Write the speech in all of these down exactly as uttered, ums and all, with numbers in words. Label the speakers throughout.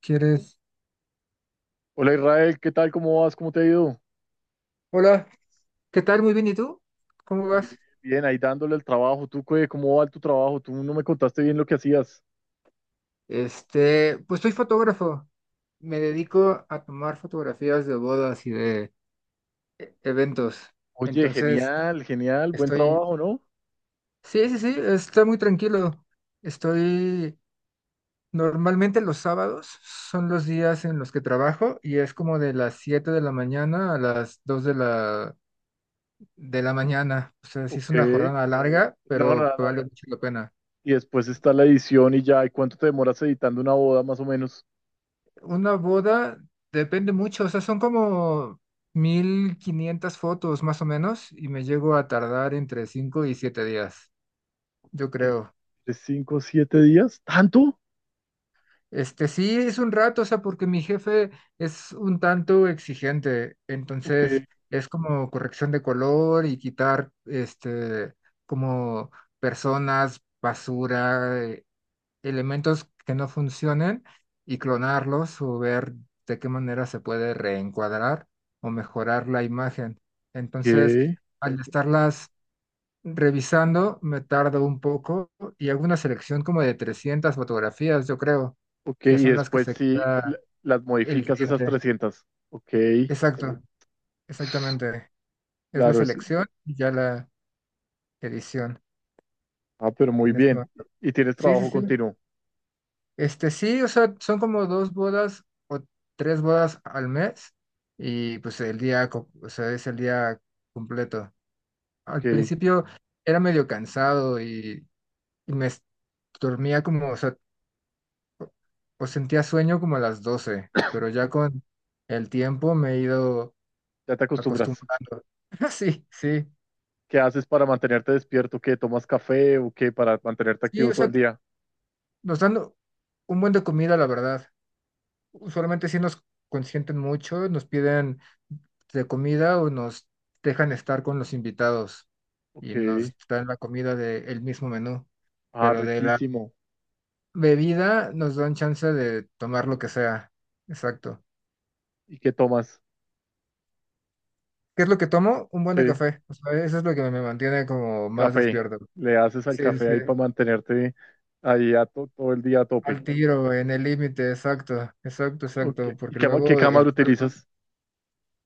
Speaker 1: ¿Quieres?
Speaker 2: Hola Israel, ¿qué tal? ¿Cómo vas? ¿Cómo te ha ido?
Speaker 1: Hola, ¿qué tal? Muy bien, ¿y tú? ¿Cómo
Speaker 2: Bien,
Speaker 1: vas?
Speaker 2: bien, ahí dándole el trabajo. ¿Tú qué? ¿Cómo va tu trabajo? Tú no me contaste bien lo que hacías.
Speaker 1: Este, pues soy fotógrafo. Me dedico a tomar fotografías de bodas y de e- eventos.
Speaker 2: Oye,
Speaker 1: Entonces,
Speaker 2: genial, genial, buen
Speaker 1: estoy.
Speaker 2: trabajo, ¿no?
Speaker 1: Sí, sí, sí, está muy tranquilo. Estoy. Normalmente los sábados son los días en los que trabajo y es como de las siete de la mañana a las dos de la, de la mañana. O sea, sí es
Speaker 2: Ok.
Speaker 1: una jornada larga,
Speaker 2: No, no,
Speaker 1: pero
Speaker 2: no, no,
Speaker 1: vale
Speaker 2: no.
Speaker 1: mucho la pena.
Speaker 2: Y después está la edición y ya. ¿Y cuánto te demoras editando una boda más o menos?
Speaker 1: Una boda depende mucho, o sea, son como mil quinientas fotos más o menos y me llego a tardar entre cinco y siete días, yo
Speaker 2: ¿En
Speaker 1: creo.
Speaker 2: de cinco o siete días? ¿Tanto?
Speaker 1: Este sí es un rato, o sea, porque mi jefe es un tanto exigente,
Speaker 2: Ok,
Speaker 1: entonces es como corrección de color y quitar este como personas, basura, eh, elementos que no funcionen y clonarlos o ver de qué manera se puede reencuadrar o mejorar la imagen. Entonces,
Speaker 2: ok,
Speaker 1: al estarlas revisando, me tardo un poco y hago una selección como de trescientas fotografías, yo creo,
Speaker 2: ok.
Speaker 1: que
Speaker 2: Y
Speaker 1: son las que
Speaker 2: después
Speaker 1: se
Speaker 2: sí, la-
Speaker 1: queda
Speaker 2: las
Speaker 1: el
Speaker 2: modificas esas
Speaker 1: cliente.
Speaker 2: trescientas. Ok,
Speaker 1: Exacto, exactamente. Es la
Speaker 2: claro. es-
Speaker 1: selección y ya la edición
Speaker 2: Ah, pero muy
Speaker 1: en eso.
Speaker 2: bien. Y tienes
Speaker 1: Sí, sí,
Speaker 2: trabajo
Speaker 1: sí.
Speaker 2: continuo.
Speaker 1: Este sí, o sea, son como dos bodas o tres bodas al mes y pues el día, co- o sea, es el día completo. Al
Speaker 2: Ok.
Speaker 1: principio era medio cansado y, y me es- dormía como, o sea, o o sentía sueño como a las doce pero ya con el tiempo me he ido
Speaker 2: Ya te acostumbras.
Speaker 1: acostumbrando. Sí, sí,
Speaker 2: ¿Qué haces para mantenerte despierto? ¿Qué tomas café o qué para mantenerte
Speaker 1: sí,
Speaker 2: activo
Speaker 1: o
Speaker 2: todo
Speaker 1: sea,
Speaker 2: el día?
Speaker 1: nos dan un buen de comida, la verdad. Usualmente sí nos consienten mucho, nos piden de comida o nos dejan estar con los invitados
Speaker 2: Ok.
Speaker 1: y nos dan la comida del mismo menú,
Speaker 2: Ah,
Speaker 1: pero de la
Speaker 2: riquísimo.
Speaker 1: bebida nos dan chance de tomar lo que sea. Exacto.
Speaker 2: ¿Y qué tomas?
Speaker 1: ¿Qué es lo que tomo? Un buen de
Speaker 2: Sí,
Speaker 1: café. O sea, eso es lo que me mantiene como más
Speaker 2: café.
Speaker 1: despierto.
Speaker 2: Le haces al
Speaker 1: Sí, sí.
Speaker 2: café
Speaker 1: Sí.
Speaker 2: ahí para mantenerte ahí a to- todo el día a
Speaker 1: Al
Speaker 2: tope.
Speaker 1: tiro, en el límite, exacto, exacto,
Speaker 2: Ok.
Speaker 1: exacto,
Speaker 2: ¿Y
Speaker 1: porque
Speaker 2: qué, ma- qué
Speaker 1: luego
Speaker 2: cámara
Speaker 1: el cuerpo.
Speaker 2: utilizas?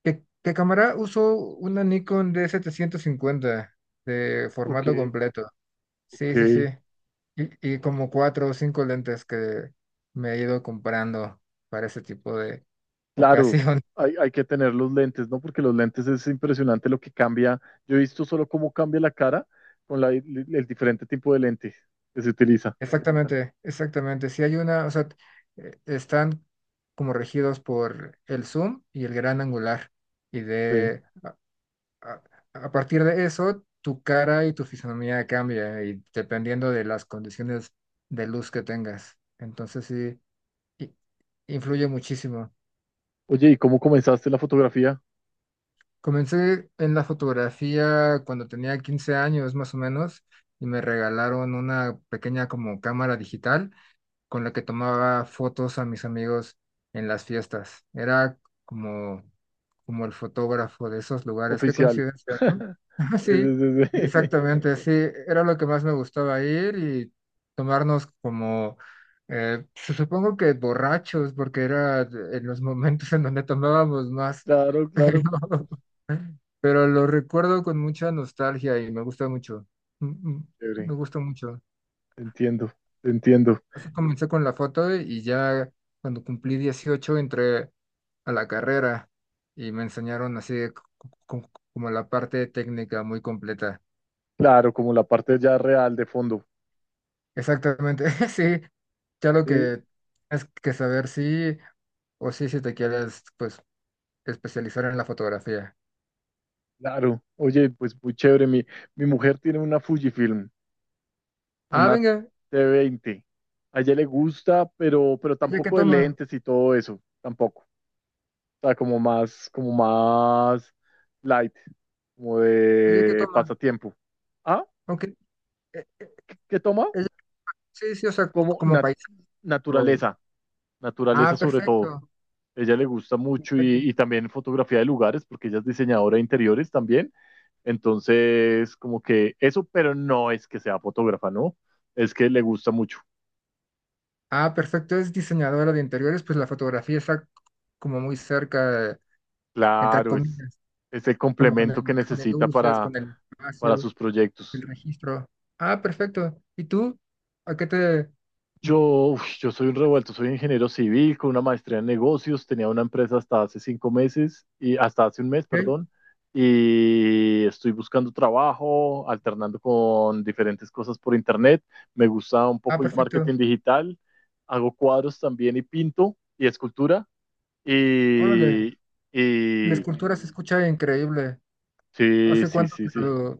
Speaker 1: ¿Qué, qué cámara? Uso una Nikon D setecientos cincuenta de
Speaker 2: Ok,
Speaker 1: formato completo.
Speaker 2: ok.
Speaker 1: Sí, sí, sí. Y, y como cuatro o cinco lentes que me he ido comprando para ese tipo de
Speaker 2: Claro,
Speaker 1: ocasión.
Speaker 2: hay, hay que tener los lentes, ¿no? Porque los lentes es impresionante lo que cambia. Yo he visto solo cómo cambia la cara con la- el diferente tipo de lente que se utiliza.
Speaker 1: Exactamente, exactamente. Si hay una, o sea, eh, están como regidos por el zoom y el gran angular. Y
Speaker 2: Sí.
Speaker 1: de a, a partir de eso, tu cara y tu fisonomía cambia, y dependiendo de las condiciones de luz que tengas. Entonces sí, i- influye muchísimo.
Speaker 2: Oye, ¿y cómo comenzaste la fotografía
Speaker 1: Comencé en la fotografía cuando tenía quince años más o menos y me regalaron una pequeña como cámara digital con la que tomaba fotos a mis amigos en las fiestas. Era como como el fotógrafo de esos lugares. Qué
Speaker 2: oficial?
Speaker 1: coincidencia, ¿no?
Speaker 2: Sí,
Speaker 1: Sí,
Speaker 2: sí, sí, sí.
Speaker 1: exactamente, sí. Era lo que más me gustaba ir y tomarnos como, eh, su- supongo que borrachos, porque era de- en los momentos en donde tomábamos más.
Speaker 2: Claro,
Speaker 1: Pero,
Speaker 2: claro.
Speaker 1: pero lo recuerdo con mucha nostalgia y me gusta mucho. Mm, mm,
Speaker 2: Chévere.
Speaker 1: Me gusta mucho.
Speaker 2: Te entiendo, te entiendo.
Speaker 1: Así comencé con la foto y ya cuando cumplí dieciocho entré a la carrera y me enseñaron así de c- c- c- como la parte técnica muy completa.
Speaker 2: Claro, como la parte ya real de fondo.
Speaker 1: Exactamente, sí. Ya lo
Speaker 2: Sí,
Speaker 1: que es que saber si o sí, si te quieres pues especializar en la fotografía.
Speaker 2: claro. Oye, pues muy chévere. Mi, mi mujer tiene una Fujifilm,
Speaker 1: Ah,
Speaker 2: una t
Speaker 1: venga,
Speaker 2: veinte. A ella le gusta, pero, pero
Speaker 1: ella que
Speaker 2: tampoco de
Speaker 1: toma,
Speaker 2: lentes y todo eso. Tampoco. O sea, como más, como más light, como
Speaker 1: ella que
Speaker 2: de
Speaker 1: toma.
Speaker 2: pasatiempo. ¿Ah?
Speaker 1: Ok, eh, eh,
Speaker 2: ¿Qué, qué toma?
Speaker 1: ella- sí, sí, o sea,
Speaker 2: como
Speaker 1: como
Speaker 2: nat-
Speaker 1: país.
Speaker 2: naturaleza,
Speaker 1: Ah,
Speaker 2: naturaleza sobre todo.
Speaker 1: perfecto,
Speaker 2: Ella le gusta mucho
Speaker 1: perfecto.
Speaker 2: y, y también fotografía de lugares, porque ella es diseñadora de interiores también. Entonces, como que eso, pero no es que sea fotógrafa, ¿no? Es que le gusta mucho.
Speaker 1: Ah, perfecto, es diseñadora de interiores, pues la fotografía está como muy cerca, entre
Speaker 2: Claro, es,
Speaker 1: comillas,
Speaker 2: es el
Speaker 1: como con
Speaker 2: complemento
Speaker 1: el
Speaker 2: que
Speaker 1: manejo de
Speaker 2: necesita
Speaker 1: luces,
Speaker 2: para,
Speaker 1: con el
Speaker 2: para
Speaker 1: espacio,
Speaker 2: sus
Speaker 1: el
Speaker 2: proyectos.
Speaker 1: registro. Ah, perfecto. ¿Y tú? ¿A qué te?
Speaker 2: Yo, uf, yo soy un revuelto, soy ingeniero civil con una maestría en negocios, tenía una empresa hasta hace cinco meses, y hasta hace un mes,
Speaker 1: ¿Qué?
Speaker 2: perdón, y estoy buscando trabajo, alternando con diferentes cosas por internet. Me gusta un
Speaker 1: Ah,
Speaker 2: poco el
Speaker 1: perfecto.
Speaker 2: marketing digital, hago cuadros también y pinto y escultura.
Speaker 1: Órale,
Speaker 2: Y,
Speaker 1: la
Speaker 2: y
Speaker 1: escultura se escucha increíble.
Speaker 2: sí,
Speaker 1: ¿Hace
Speaker 2: sí,
Speaker 1: cuánto
Speaker 2: sí,
Speaker 1: que
Speaker 2: sí.
Speaker 1: lo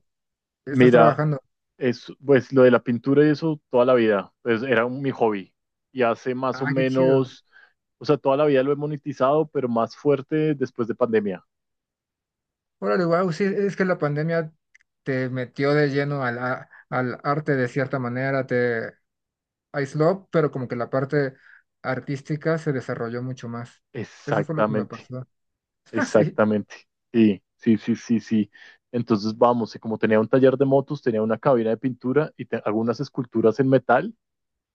Speaker 1: estás
Speaker 2: Mira,
Speaker 1: trabajando?
Speaker 2: es, pues lo de la pintura y eso toda la vida, pues era un- mi hobby. Y hace más o
Speaker 1: Ah, qué chido.
Speaker 2: menos. O sea, toda la vida lo he monetizado, pero más fuerte después de pandemia.
Speaker 1: Órale, wow, sí, es que la pandemia te metió de lleno al, a- al arte de cierta manera, te Ice Love, pero como que la parte artística se desarrolló mucho más. Eso fue lo que me
Speaker 2: Exactamente,
Speaker 1: pasó. Ah, sí,
Speaker 2: exactamente. Sí, sí, sí, sí, sí. Entonces, vamos, y como tenía un taller de motos, tenía una cabina de pintura y te- algunas esculturas en metal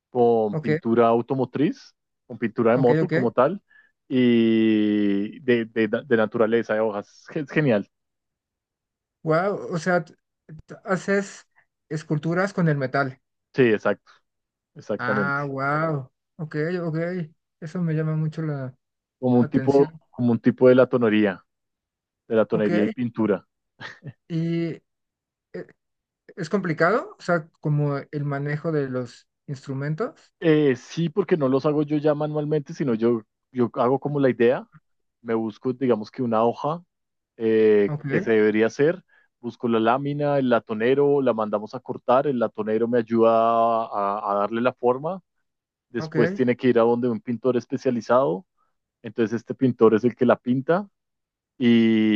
Speaker 2: con
Speaker 1: ok,
Speaker 2: pintura automotriz, con pintura de
Speaker 1: ok,
Speaker 2: moto como
Speaker 1: ok.
Speaker 2: tal, y de, de, de naturaleza, de hojas. Es genial.
Speaker 1: Wow, o sea, t- t- haces esculturas con el metal.
Speaker 2: Sí, exacto,
Speaker 1: Ah,
Speaker 2: exactamente.
Speaker 1: wow, ok, ok. Eso me llama mucho la
Speaker 2: Como un tipo,
Speaker 1: atención.
Speaker 2: como un tipo de latonería, de
Speaker 1: Ok,
Speaker 2: latonería y pintura.
Speaker 1: y eh, es complicado, o sea, como el manejo de los instrumentos.
Speaker 2: Eh, sí, porque no los hago yo ya manualmente, sino yo, yo hago como la idea, me busco, digamos que una hoja eh,
Speaker 1: Ok,
Speaker 2: que se debería hacer, busco la lámina, el latonero, la mandamos a cortar, el latonero me ayuda a, a darle la forma, después
Speaker 1: ok.
Speaker 2: tiene que ir a donde un pintor especializado, entonces este pintor es el que la pinta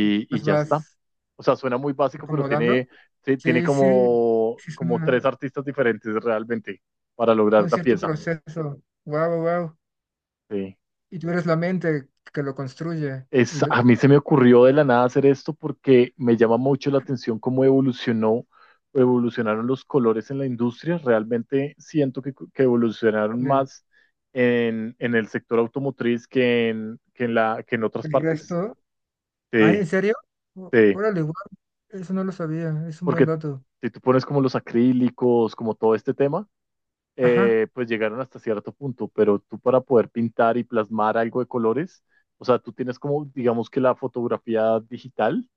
Speaker 1: Y
Speaker 2: y
Speaker 1: los
Speaker 2: ya está.
Speaker 1: vas
Speaker 2: O sea, suena muy básico, pero
Speaker 1: acomodando.
Speaker 2: tiene, ti- tiene
Speaker 1: Sí, sí,
Speaker 2: como,
Speaker 1: sí,
Speaker 2: como tres
Speaker 1: suena
Speaker 2: artistas diferentes realmente para lograr
Speaker 1: un
Speaker 2: la
Speaker 1: cierto
Speaker 2: pieza.
Speaker 1: proceso. Wow, wow.
Speaker 2: Sí.
Speaker 1: Y tú eres la mente que lo construye. Y,
Speaker 2: Es,
Speaker 1: lo-
Speaker 2: a mí
Speaker 1: y
Speaker 2: se me ocurrió de la nada hacer esto porque me llama mucho la atención cómo evolucionó, evolucionaron los colores en la industria. Realmente siento que, que evolucionaron
Speaker 1: le-
Speaker 2: más en, en el sector automotriz que en, que en la, que en otras
Speaker 1: el
Speaker 2: partes.
Speaker 1: resto. Ah,
Speaker 2: Sí,
Speaker 1: ¿en serio? Ó-
Speaker 2: sí,
Speaker 1: Órale, wow. Eso no lo sabía. Es un buen
Speaker 2: porque
Speaker 1: dato.
Speaker 2: si tú pones como los acrílicos, como todo este tema,
Speaker 1: Ajá,
Speaker 2: eh, pues llegaron hasta cierto punto, pero tú para poder pintar y plasmar algo de colores, o sea, tú tienes como, digamos que la fotografía digital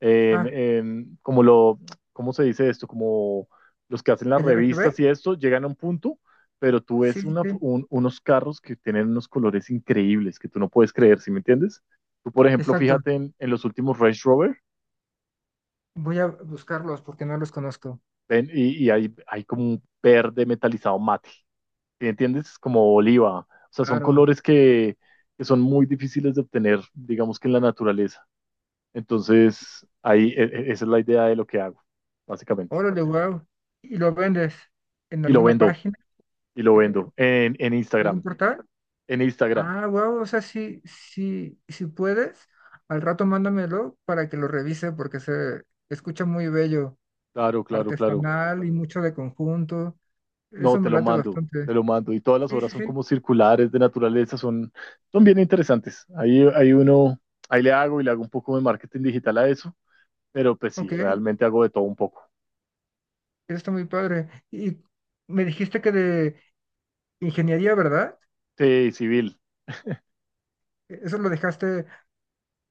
Speaker 2: en-
Speaker 1: ajá.
Speaker 2: en- como lo, ¿cómo se dice esto? Como los que hacen las
Speaker 1: ¿El R G B?
Speaker 2: revistas y esto, llegan a un punto, pero tú
Speaker 1: Sí,
Speaker 2: ves
Speaker 1: sí,
Speaker 2: una f-
Speaker 1: sí.
Speaker 2: un- unos carros que tienen unos colores increíbles que tú no puedes creer, ¿sí me entiendes? Tú, por ejemplo,
Speaker 1: Exacto.
Speaker 2: fíjate en, en los últimos Range Rover,
Speaker 1: Voy a buscarlos porque no los conozco.
Speaker 2: ven, y, y hay, hay como un verde metalizado mate, ¿sí me entiendes? Como oliva, o sea, son
Speaker 1: Claro.
Speaker 2: colores que, que son muy difíciles de obtener, digamos que en la naturaleza. Entonces, ahí, e- e- esa es la idea de lo que hago, básicamente.
Speaker 1: Órale, wow. ¿Y lo vendes en
Speaker 2: Y lo
Speaker 1: alguna
Speaker 2: vendo.
Speaker 1: página?
Speaker 2: Y lo
Speaker 1: Eh, eh,
Speaker 2: vendo en, en
Speaker 1: ¿Algún
Speaker 2: Instagram.
Speaker 1: portal?
Speaker 2: En Instagram.
Speaker 1: Ah, wow, o sea, sí, sí, si puedes, al rato mándamelo para que lo revise porque se escucha muy bello,
Speaker 2: Claro, claro, claro.
Speaker 1: artesanal y mucho de conjunto.
Speaker 2: No,
Speaker 1: Eso
Speaker 2: te
Speaker 1: me
Speaker 2: lo
Speaker 1: late
Speaker 2: mando,
Speaker 1: bastante.
Speaker 2: te lo mando. Y todas las
Speaker 1: Sí,
Speaker 2: obras
Speaker 1: sí,
Speaker 2: son
Speaker 1: sí,
Speaker 2: como circulares de naturaleza, son, son bien interesantes. Ahí, ahí uno, ahí le hago y le hago un poco de marketing digital a eso, pero pues
Speaker 1: ok,
Speaker 2: sí,
Speaker 1: eso
Speaker 2: realmente hago de todo un poco.
Speaker 1: está muy padre. Y me dijiste que de ingeniería, ¿verdad?
Speaker 2: Sí, civil.
Speaker 1: ¿Eso lo dejaste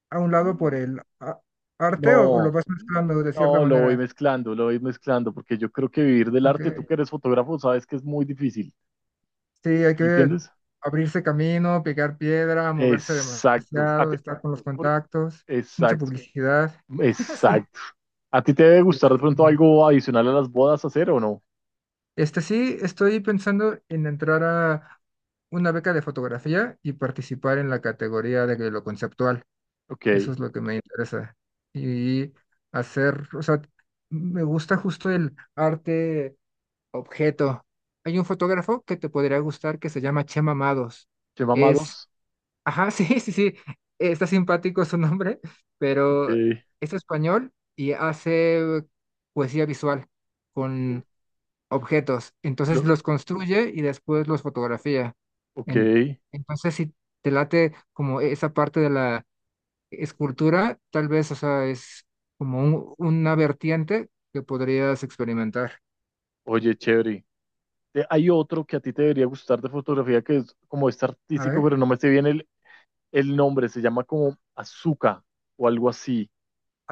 Speaker 1: a un lado por el a- arte o, o lo
Speaker 2: No,
Speaker 1: vas mezclando de cierta
Speaker 2: no, lo voy
Speaker 1: manera?
Speaker 2: mezclando, lo voy mezclando, porque yo creo que vivir del
Speaker 1: Ok,
Speaker 2: arte, tú que eres fotógrafo, sabes que es muy difícil,
Speaker 1: sí,
Speaker 2: ¿sí,
Speaker 1: hay
Speaker 2: me
Speaker 1: que
Speaker 2: entiendes?
Speaker 1: abrirse camino, pegar piedra, moverse
Speaker 2: Exacto. A
Speaker 1: demasiado,
Speaker 2: ti-
Speaker 1: estar con los
Speaker 2: por-
Speaker 1: contactos, mucha
Speaker 2: Exacto.
Speaker 1: publicidad.
Speaker 2: Exacto. ¿A ti te debe
Speaker 1: Sí,
Speaker 2: gustar
Speaker 1: sí,
Speaker 2: de
Speaker 1: sí.
Speaker 2: pronto
Speaker 1: Sí.
Speaker 2: algo adicional a las bodas hacer o no?
Speaker 1: Este sí, estoy pensando en entrar a una beca de fotografía y participar en la categoría de lo conceptual. Eso
Speaker 2: Ok.
Speaker 1: es lo que me interesa. Y hacer, o sea, me gusta justo el arte objeto. Hay un fotógrafo que te podría gustar que se llama Chema Amados.
Speaker 2: Che
Speaker 1: Es
Speaker 2: mamados.
Speaker 1: Ajá, sí, sí, sí. Está simpático su nombre, pero
Speaker 2: Ok.
Speaker 1: es español y hace poesía visual con objetos. Entonces
Speaker 2: Lo,
Speaker 1: los construye y después los fotografía.
Speaker 2: ok.
Speaker 1: En- Mm. Entonces, si te late como esa parte de la escultura, tal vez, o sea, es como un- una vertiente que podrías experimentar.
Speaker 2: Oye, chévere. Te- Hay otro que a ti te debería gustar de fotografía que es como este
Speaker 1: A
Speaker 2: artístico,
Speaker 1: ver,
Speaker 2: pero no me sé bien el, el nombre. Se llama como Azuka o algo así.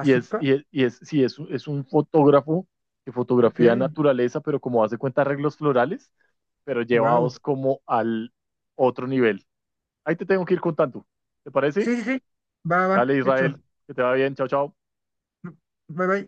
Speaker 2: Y es, y es, y es, sí, es, un- es un fotógrafo que
Speaker 1: Ok,
Speaker 2: fotografía naturaleza, pero como hace cuenta arreglos florales, pero
Speaker 1: wow.
Speaker 2: llevados como al otro nivel. Ahí te tengo que ir contando. ¿Te parece?
Speaker 1: Sí, sí, sí. Va, va,
Speaker 2: Dale,
Speaker 1: hecho.
Speaker 2: Israel, que te va bien. Chao, chao.
Speaker 1: Bye, bye.